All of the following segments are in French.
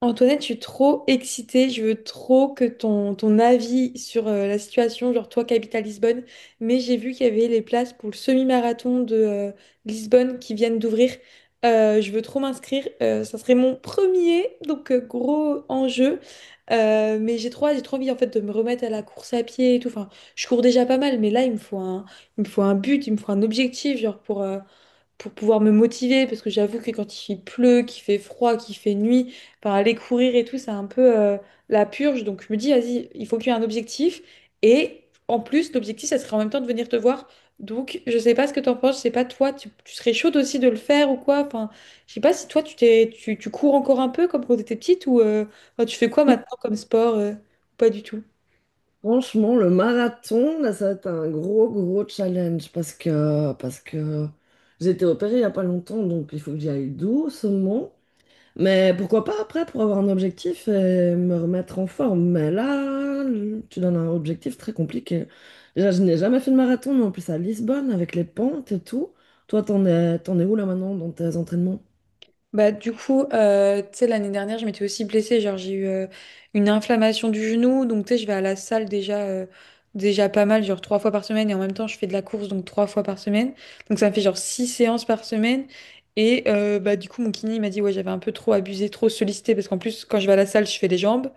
Antoinette, je suis trop excitée. Je veux trop que ton avis sur la situation, genre toi qui habites à Lisbonne, mais j'ai vu qu'il y avait les places pour le semi-marathon de Lisbonne qui viennent d'ouvrir. Je veux trop m'inscrire. Ça serait mon premier, donc gros enjeu. Mais j'ai trop hâte, j'ai trop envie en fait de me remettre à la course à pied et tout. Enfin, je cours déjà pas mal, mais là il me faut un but, il me faut un objectif, genre pour pouvoir me motiver, parce que j'avoue que quand il pleut, qu'il fait froid, qu'il fait nuit par aller courir et tout, c'est un peu la purge. Donc je me dis, vas-y, il faut qu'il y ait un objectif. Et en plus, l'objectif, ça serait en même temps de venir te voir. Donc je sais pas ce que t'en penses, je sais pas toi, tu serais chaude aussi de le faire ou quoi. Enfin, je sais pas si toi, tu cours encore un peu comme quand t'étais petite ou enfin, tu fais quoi maintenant comme sport pas du tout. Franchement, le marathon, là, ça va être un gros challenge parce que j'ai été opérée il n'y a pas longtemps, donc il faut que j'y aille doucement. Mais pourquoi pas après pour avoir un objectif et me remettre en forme. Mais là, tu donnes un objectif très compliqué. Déjà, je n'ai jamais fait de marathon, mais en plus à Lisbonne avec les pentes et tout. Toi, t'en es où là maintenant dans tes entraînements? Bah, du coup, tu sais, l'année dernière, je m'étais aussi blessée. Genre, j'ai eu une inflammation du genou. Donc, tu sais, je vais à la salle déjà pas mal, genre trois fois par semaine. Et en même temps, je fais de la course, donc trois fois par semaine. Donc, ça me fait genre six séances par semaine. Et bah, du coup, mon kiné il m'a dit, ouais, j'avais un peu trop abusé, trop sollicité. Parce qu'en plus, quand je vais à la salle, je fais les jambes.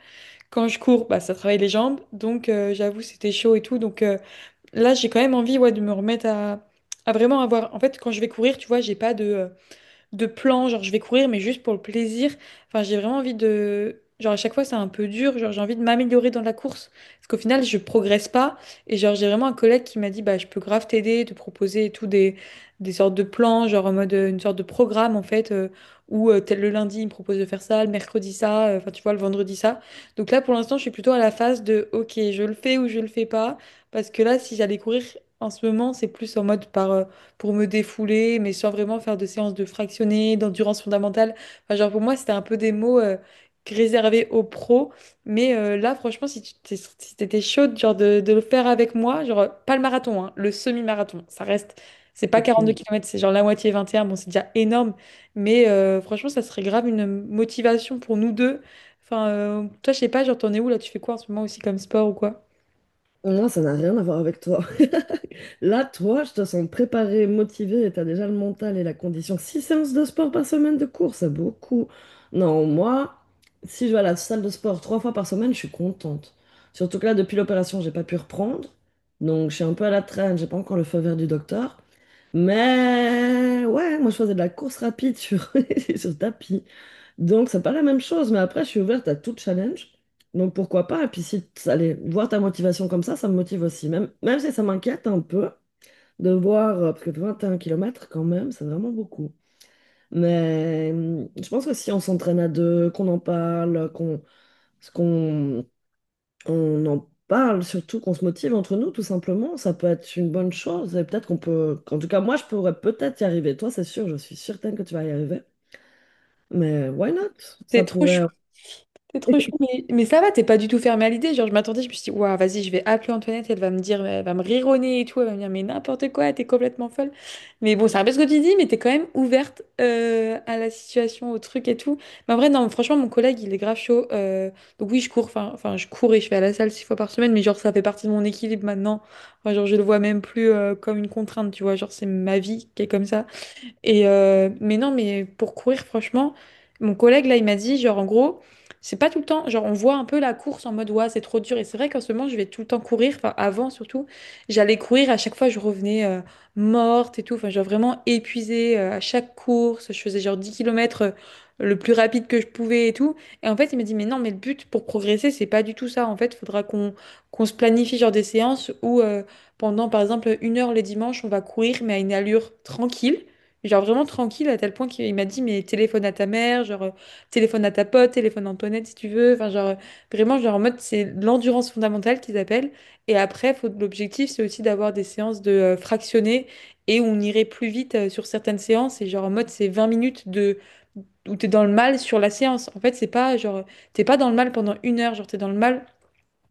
Quand je cours, bah, ça travaille les jambes. Donc, j'avoue, c'était chaud et tout. Donc, là, j'ai quand même envie, ouais, de me remettre à vraiment avoir. En fait, quand je vais courir, tu vois, j'ai pas de plan, genre je vais courir, mais juste pour le plaisir. Enfin, j'ai vraiment envie. Genre à chaque fois, c'est un peu dur, genre j'ai envie de m'améliorer dans la course. Parce qu'au final, je progresse pas. Et genre, j'ai vraiment un collègue qui m'a dit, bah, je peux grave t'aider, te proposer et tout des sortes de plans, genre en mode une sorte de programme, en fait, où tel le lundi, il me propose de faire ça, le mercredi ça, enfin, tu vois, le vendredi ça. Donc là, pour l'instant, je suis plutôt à la phase de, ok, je le fais ou je le fais pas. Parce que là, si j'allais courir en ce moment, c'est plus en mode pour me défouler, mais sans vraiment faire de séances de fractionné, d'endurance fondamentale. Enfin, genre pour moi, c'était un peu des mots réservés aux pros. Mais là, franchement, si t'étais chaude genre de le faire avec moi, genre pas le marathon, hein, le semi-marathon, ça reste. C'est pas 42 Ok. km, c'est genre la moitié 21. Bon, c'est déjà énorme, mais franchement, ça serait grave une motivation pour nous deux. Enfin, toi, je sais pas, genre, t'en es où là? Tu fais quoi en ce moment aussi comme sport ou quoi? Oh non, ça n'a rien à voir avec toi. Là, toi, je te sens préparée, motivée, et t'as déjà le mental et la condition. Six séances de sport par semaine de cours, c'est beaucoup. Non, moi, si je vais à la salle de sport trois fois par semaine, je suis contente. Surtout que là, depuis l'opération, j'ai pas pu reprendre. Donc, je suis un peu à la traîne, j'ai pas encore le feu vert du docteur. Mais ouais, moi je faisais de la course rapide sur, sur tapis. Donc c'est pas la même chose, mais après je suis ouverte à tout challenge. Donc pourquoi pas? Et puis si ça allait voir ta motivation comme ça me motive aussi. Même si ça m'inquiète un peu de voir, parce que 21 kilomètres quand même, c'est vraiment beaucoup. Mais je pense que si on s'entraîne à deux, qu'on en parle, qu'on qu'on on en parle, surtout qu'on se motive entre nous, tout simplement. Ça peut être une bonne chose et peut-être qu'on peut. En tout cas, moi, je pourrais peut-être y arriver. Toi, c'est sûr, je suis certaine que tu vas y arriver. Mais why not? C'est Ça trop chaud. pourrait. T'es trop chaud, mais ça va, t'es pas du tout fermé à l'idée. Genre, je m'attendais, je me suis dit, waouh, vas-y, je vais appeler Antoinette, elle va me dire, elle va me rironner et tout, elle va me dire, mais n'importe quoi, t'es complètement folle. Mais bon, c'est un peu ce que tu dis, mais t'es quand même ouverte à la situation, au truc et tout. Mais en vrai, non, franchement, mon collègue, il est grave chaud. Donc oui, je cours, enfin, je cours et je vais à la salle six fois par semaine, mais genre, ça fait partie de mon équilibre maintenant. Enfin, genre, je le vois même plus comme une contrainte, tu vois, genre, c'est ma vie qui est comme ça. Et mais non, mais pour courir, franchement, mon collègue là, il m'a dit, genre en gros, c'est pas tout le temps, genre on voit un peu la course en mode ouais, c'est trop dur. Et c'est vrai qu'en ce moment, je vais tout le temps courir, enfin avant surtout, j'allais courir, à chaque fois, je revenais morte et tout, enfin genre vraiment épuisée à chaque course, je faisais genre 10 kilomètres le plus rapide que je pouvais et tout. Et en fait, il m'a dit, mais non, mais le but pour progresser, c'est pas du tout ça. En fait, il faudra qu'on se planifie genre des séances où pendant par exemple une heure les dimanches, on va courir, mais à une allure tranquille. Genre vraiment tranquille à tel point qu'il m'a dit, mais téléphone à ta mère, genre téléphone à ta pote, téléphone à Antoinette si tu veux. Enfin, genre vraiment, genre en mode, c'est l'endurance fondamentale qu'ils appellent. Et après, faut, l'objectif, c'est aussi d'avoir des séances de fractionnées et où on irait plus vite sur certaines séances. Et genre en mode, c'est 20 minutes de où t'es dans le mal sur la séance. En fait, c'est pas genre, t'es pas dans le mal pendant une heure, genre t'es dans le mal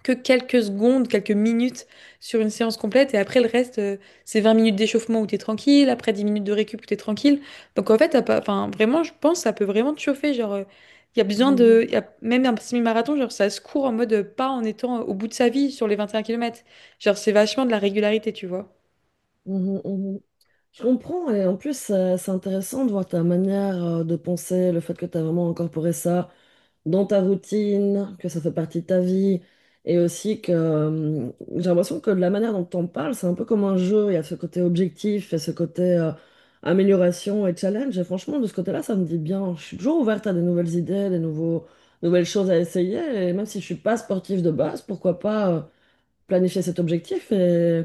que quelques secondes, quelques minutes sur une séance complète. Et après, le reste, c'est 20 minutes d'échauffement où t'es tranquille, après 10 minutes de récup où t'es tranquille. Donc en fait, t'as pas, enfin, vraiment, je pense, que ça peut vraiment te chauffer. Genre, il y a besoin Mhm, de. Y a même un semi-marathon, genre, ça se court en mode pas en étant au bout de sa vie sur les 21 kilomètres. Genre, c'est vachement de la régularité, tu vois. mhm, mhm. Je comprends. Et en plus, c'est intéressant de voir ta manière de penser, le fait que tu as vraiment incorporé ça dans ta routine, que ça fait partie de ta vie, et aussi que j'ai l'impression que la manière dont on parle, c'est un peu comme un jeu, il y a ce côté objectif, il y a ce côté amélioration et challenge, et franchement, de ce côté-là, ça me dit bien, je suis toujours ouverte à des nouvelles idées, nouvelles choses à essayer, et même si je suis pas sportive de base, pourquoi pas planifier cet objectif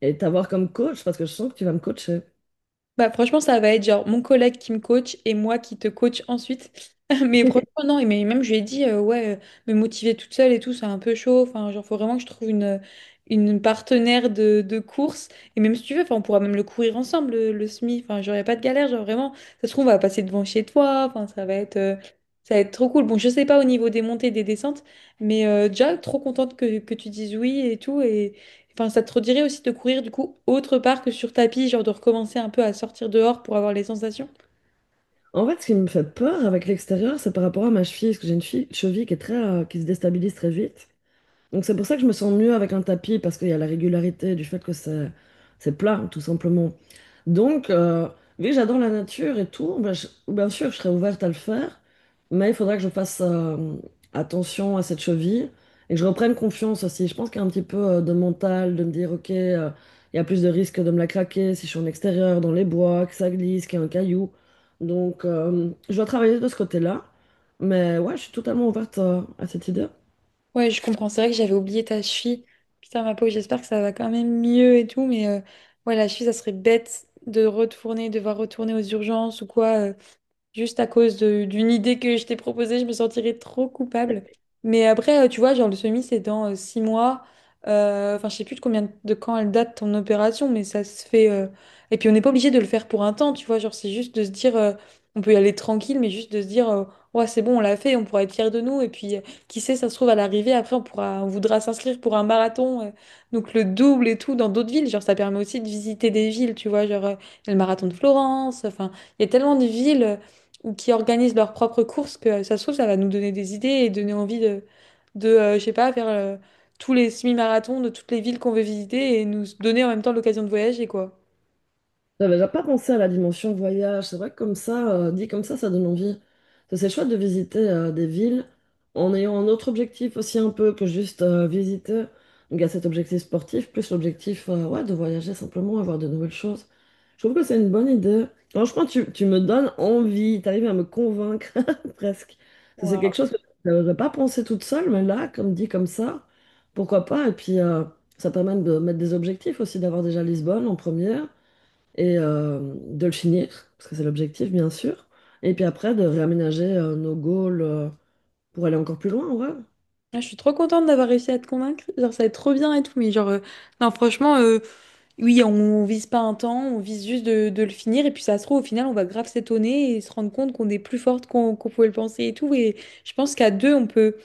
et t'avoir comme coach, parce que je sens que tu vas me coacher. Bah, franchement, ça va être genre mon collègue qui me coach et moi qui te coach ensuite. Mais franchement, non, et mais même je lui ai dit, ouais, me motiver toute seule et tout, c'est un peu chaud. Enfin, genre, faut vraiment que je trouve une partenaire de course. Et même si tu veux, enfin, on pourra même le courir ensemble, le semi. Enfin, genre, y a pas de galère, genre, vraiment. Ça se trouve, on va passer devant chez toi. Enfin, ça va être trop cool. Bon, je sais pas au niveau des montées, des descentes, mais déjà, trop contente que tu dises oui et tout. Et, enfin, ça te redirait aussi de courir du coup autre part que sur tapis, genre de recommencer un peu à sortir dehors pour avoir les sensations? En fait, ce qui me fait peur avec l'extérieur, c'est par rapport à ma cheville, parce que j'ai une cheville qui est très, qui se déstabilise très vite. Donc c'est pour ça que je me sens mieux avec un tapis, parce qu'il y a la régularité du fait que c'est plat, tout simplement. Donc, vu que j'adore la nature et tout, ben, je- bien sûr, je serais ouverte à le faire, mais il faudra que je fasse attention à cette cheville et que je reprenne confiance aussi. Je pense qu'il y a un petit peu de mental, de me dire, ok, il y a plus de risques de me la craquer si je suis en extérieur, dans les bois, que ça glisse, qu'il y a un caillou. Donc, je dois travailler de ce côté-là, mais ouais, je suis totalement ouverte à cette idée. Ouais, je comprends. C'est vrai que j'avais oublié ta cheville. Putain, ma peau, j'espère que ça va quand même mieux et tout, mais ouais, la cheville, ça serait bête de retourner, devoir retourner aux urgences ou quoi. Juste à cause d'une idée que je t'ai proposée, je me sentirais trop coupable. Mais après, tu vois, genre le semi, c'est dans 6 mois. Enfin, je sais plus de combien de quand elle date ton opération, mais ça se fait. Et puis, on n'est pas obligé de le faire pour un temps, tu vois. Genre, c'est juste de se dire, on peut y aller tranquille, mais juste de se dire, ouais, c'est bon, on l'a fait, on pourra être fiers de nous. Et puis, qui sait, ça se trouve à l'arrivée, après, on pourra, on voudra s'inscrire pour un marathon, donc le double et tout, dans d'autres villes. Genre, ça permet aussi de visiter des villes, tu vois. Genre, le marathon de Florence, enfin. Il y a tellement de villes ou qui organisent leurs propres courses, que ça se trouve, ça va nous donner des idées et donner envie de je sais pas, faire tous les semi-marathons de toutes les villes qu'on veut visiter et nous donner en même temps l'occasion de voyager, quoi. J'avais déjà pas pensé à la dimension voyage. C'est vrai que comme ça, dit comme ça donne envie. Ça, c'est chouette de visiter des villes en ayant un autre objectif aussi un peu que juste visiter. Donc il y a cet objectif sportif, plus l'objectif ouais, de voyager simplement, avoir de nouvelles choses. Je trouve que c'est une bonne idée. Franchement, tu me donnes envie, tu arrives à me convaincre presque. Ça, c'est quelque Waouh. chose que je n'aurais pas pensé toute seule, mais là, comme dit comme ça, pourquoi pas. Et puis ça permet de mettre des objectifs aussi, d'avoir déjà Lisbonne en première et de le finir, parce que c'est l'objectif, bien sûr. Et puis après, de réaménager nos goals pour aller encore plus loin, ouais. Ah, je suis trop contente d'avoir réussi à te convaincre. Genre, ça va être trop bien et tout. Mais genre, non, franchement, oui, on vise pas un temps, on vise juste de le finir. Et puis, ça se trouve, au final, on va grave s'étonner et se rendre compte qu'on est plus forte qu'on pouvait le penser et tout. Et je pense qu'à deux, on peut.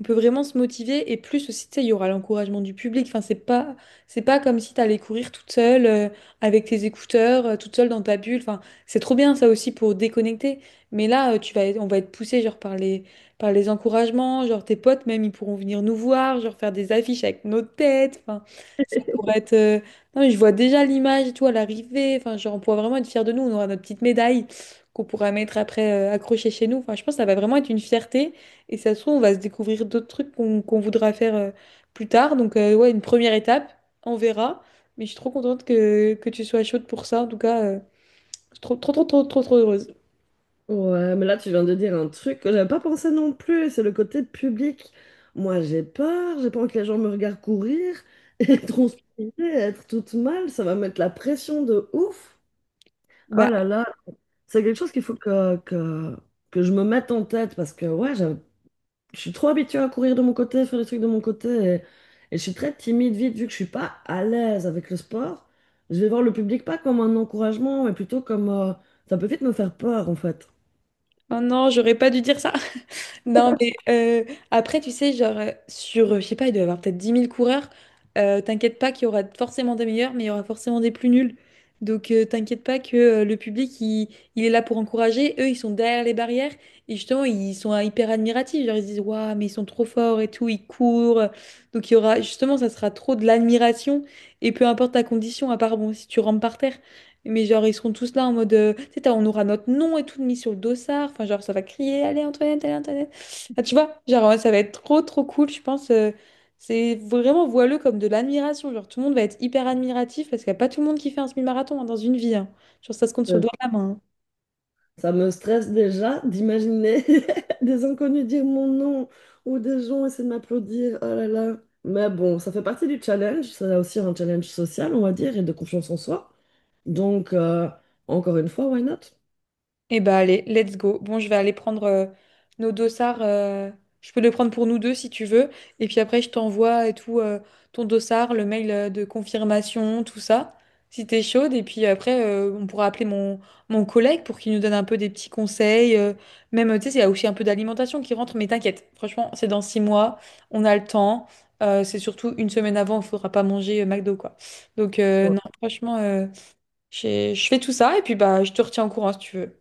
on peut vraiment se motiver et plus aussi, tu sais, il y aura l'encouragement du public. Enfin, c'est pas comme si t'allais courir toute seule avec tes écouteurs, toute seule dans ta bulle. Enfin, c'est trop bien ça aussi pour déconnecter. Mais là, on va être poussé genre par les encouragements, genre tes potes même ils pourront venir nous voir, genre faire des affiches avec nos têtes. Enfin, ça pourrait être. Non, mais je vois déjà l'image, et tout, à l'arrivée. Enfin, genre on pourra vraiment être fiers de nous. On aura notre petite médaille qu'on pourra mettre après accrochée chez nous. Enfin, je pense que ça va vraiment être une fierté. Et ça se trouve, on va se découvrir d'autres trucs qu'on voudra faire plus tard. Donc, ouais, une première étape, on verra. Mais je suis trop contente que tu sois chaude pour ça. En tout cas, je suis trop, trop, trop, trop, trop, trop heureuse. Ouais, mais là, tu viens de dire un truc que j'avais pas pensé non plus, c'est le côté public. Moi, j'ai peur, j'ai pas envie que les gens me regardent courir, et transpirer, être toute mal, ça va mettre la pression de ouf. Oh Bah, là là, c'est quelque chose qu'il faut que je me mette en tête, parce que ouais, j'avais je suis trop habituée à courir de mon côté, faire des trucs de mon côté. Et, et je suis très timide vite, vu que je suis pas à l'aise avec le sport. Je vais voir le public pas comme un encouragement, mais plutôt comme. Ça peut vite me faire peur, en fait. maintenant, j'aurais pas dû dire ça. Non, mais après, tu sais, genre, sur, je sais pas, il doit y avoir peut-être 10 000 coureurs. T'inquiète pas qu'il y aura forcément des meilleurs, mais il y aura forcément des plus nuls. Donc, t'inquiète pas que le public, il est là pour encourager. Eux, ils sont derrière les barrières. Et justement, ils sont hyper admiratifs. Genre, ils se disent, waouh, mais ils sont trop forts et tout, ils courent. Donc, il y aura, justement, ça sera trop de l'admiration. Et peu importe ta condition, à part, bon, si tu rentres par terre. Mais genre, ils seront tous là en mode, tu sais, on aura notre nom et tout mis sur le dossard. Enfin, genre, ça va crier, allez, Antoinette, allez, Antoinette. Ah, tu vois, genre, ouais, ça va être trop, trop cool, je pense. C'est vraiment voileux comme de l'admiration. Genre, tout le monde va être hyper admiratif parce qu'il n'y a pas tout le monde qui fait un semi-marathon, hein, dans une vie, hein. Genre, ça se compte sur le Euh, doigt de la main, hein. Ça me stresse déjà d'imaginer des inconnus dire mon nom ou des gens essayer de m'applaudir. Oh là là. Mais bon, ça fait partie du challenge. C'est aussi un challenge social, on va dire, et de confiance en soi. Donc, encore une fois, why not? Eh bah allez, let's go. Bon, je vais aller prendre nos dossards. Je peux les prendre pour nous deux si tu veux. Et puis après, je t'envoie et tout ton dossard, le mail de confirmation, tout ça, si t'es chaude. Et puis après, on pourra appeler mon collègue pour qu'il nous donne un peu des petits conseils. Même, tu sais, il y a aussi un peu d'alimentation qui rentre, mais t'inquiète. Franchement, c'est dans 6 mois, on a le temps. C'est surtout une semaine avant, il faudra pas manger McDo, quoi. Donc Ouais. non, franchement, je fais tout ça et puis bah je te retiens au courant si tu veux.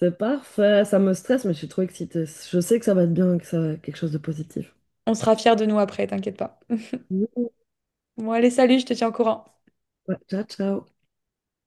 C'est parfait, ça me stresse, mais je suis trop excitée. Je sais que ça va être bien, que ça va être quelque chose de positif. On sera fiers de nous après, t'inquiète pas. Bon, allez, salut, je te tiens au courant. Ouais, ciao, ciao.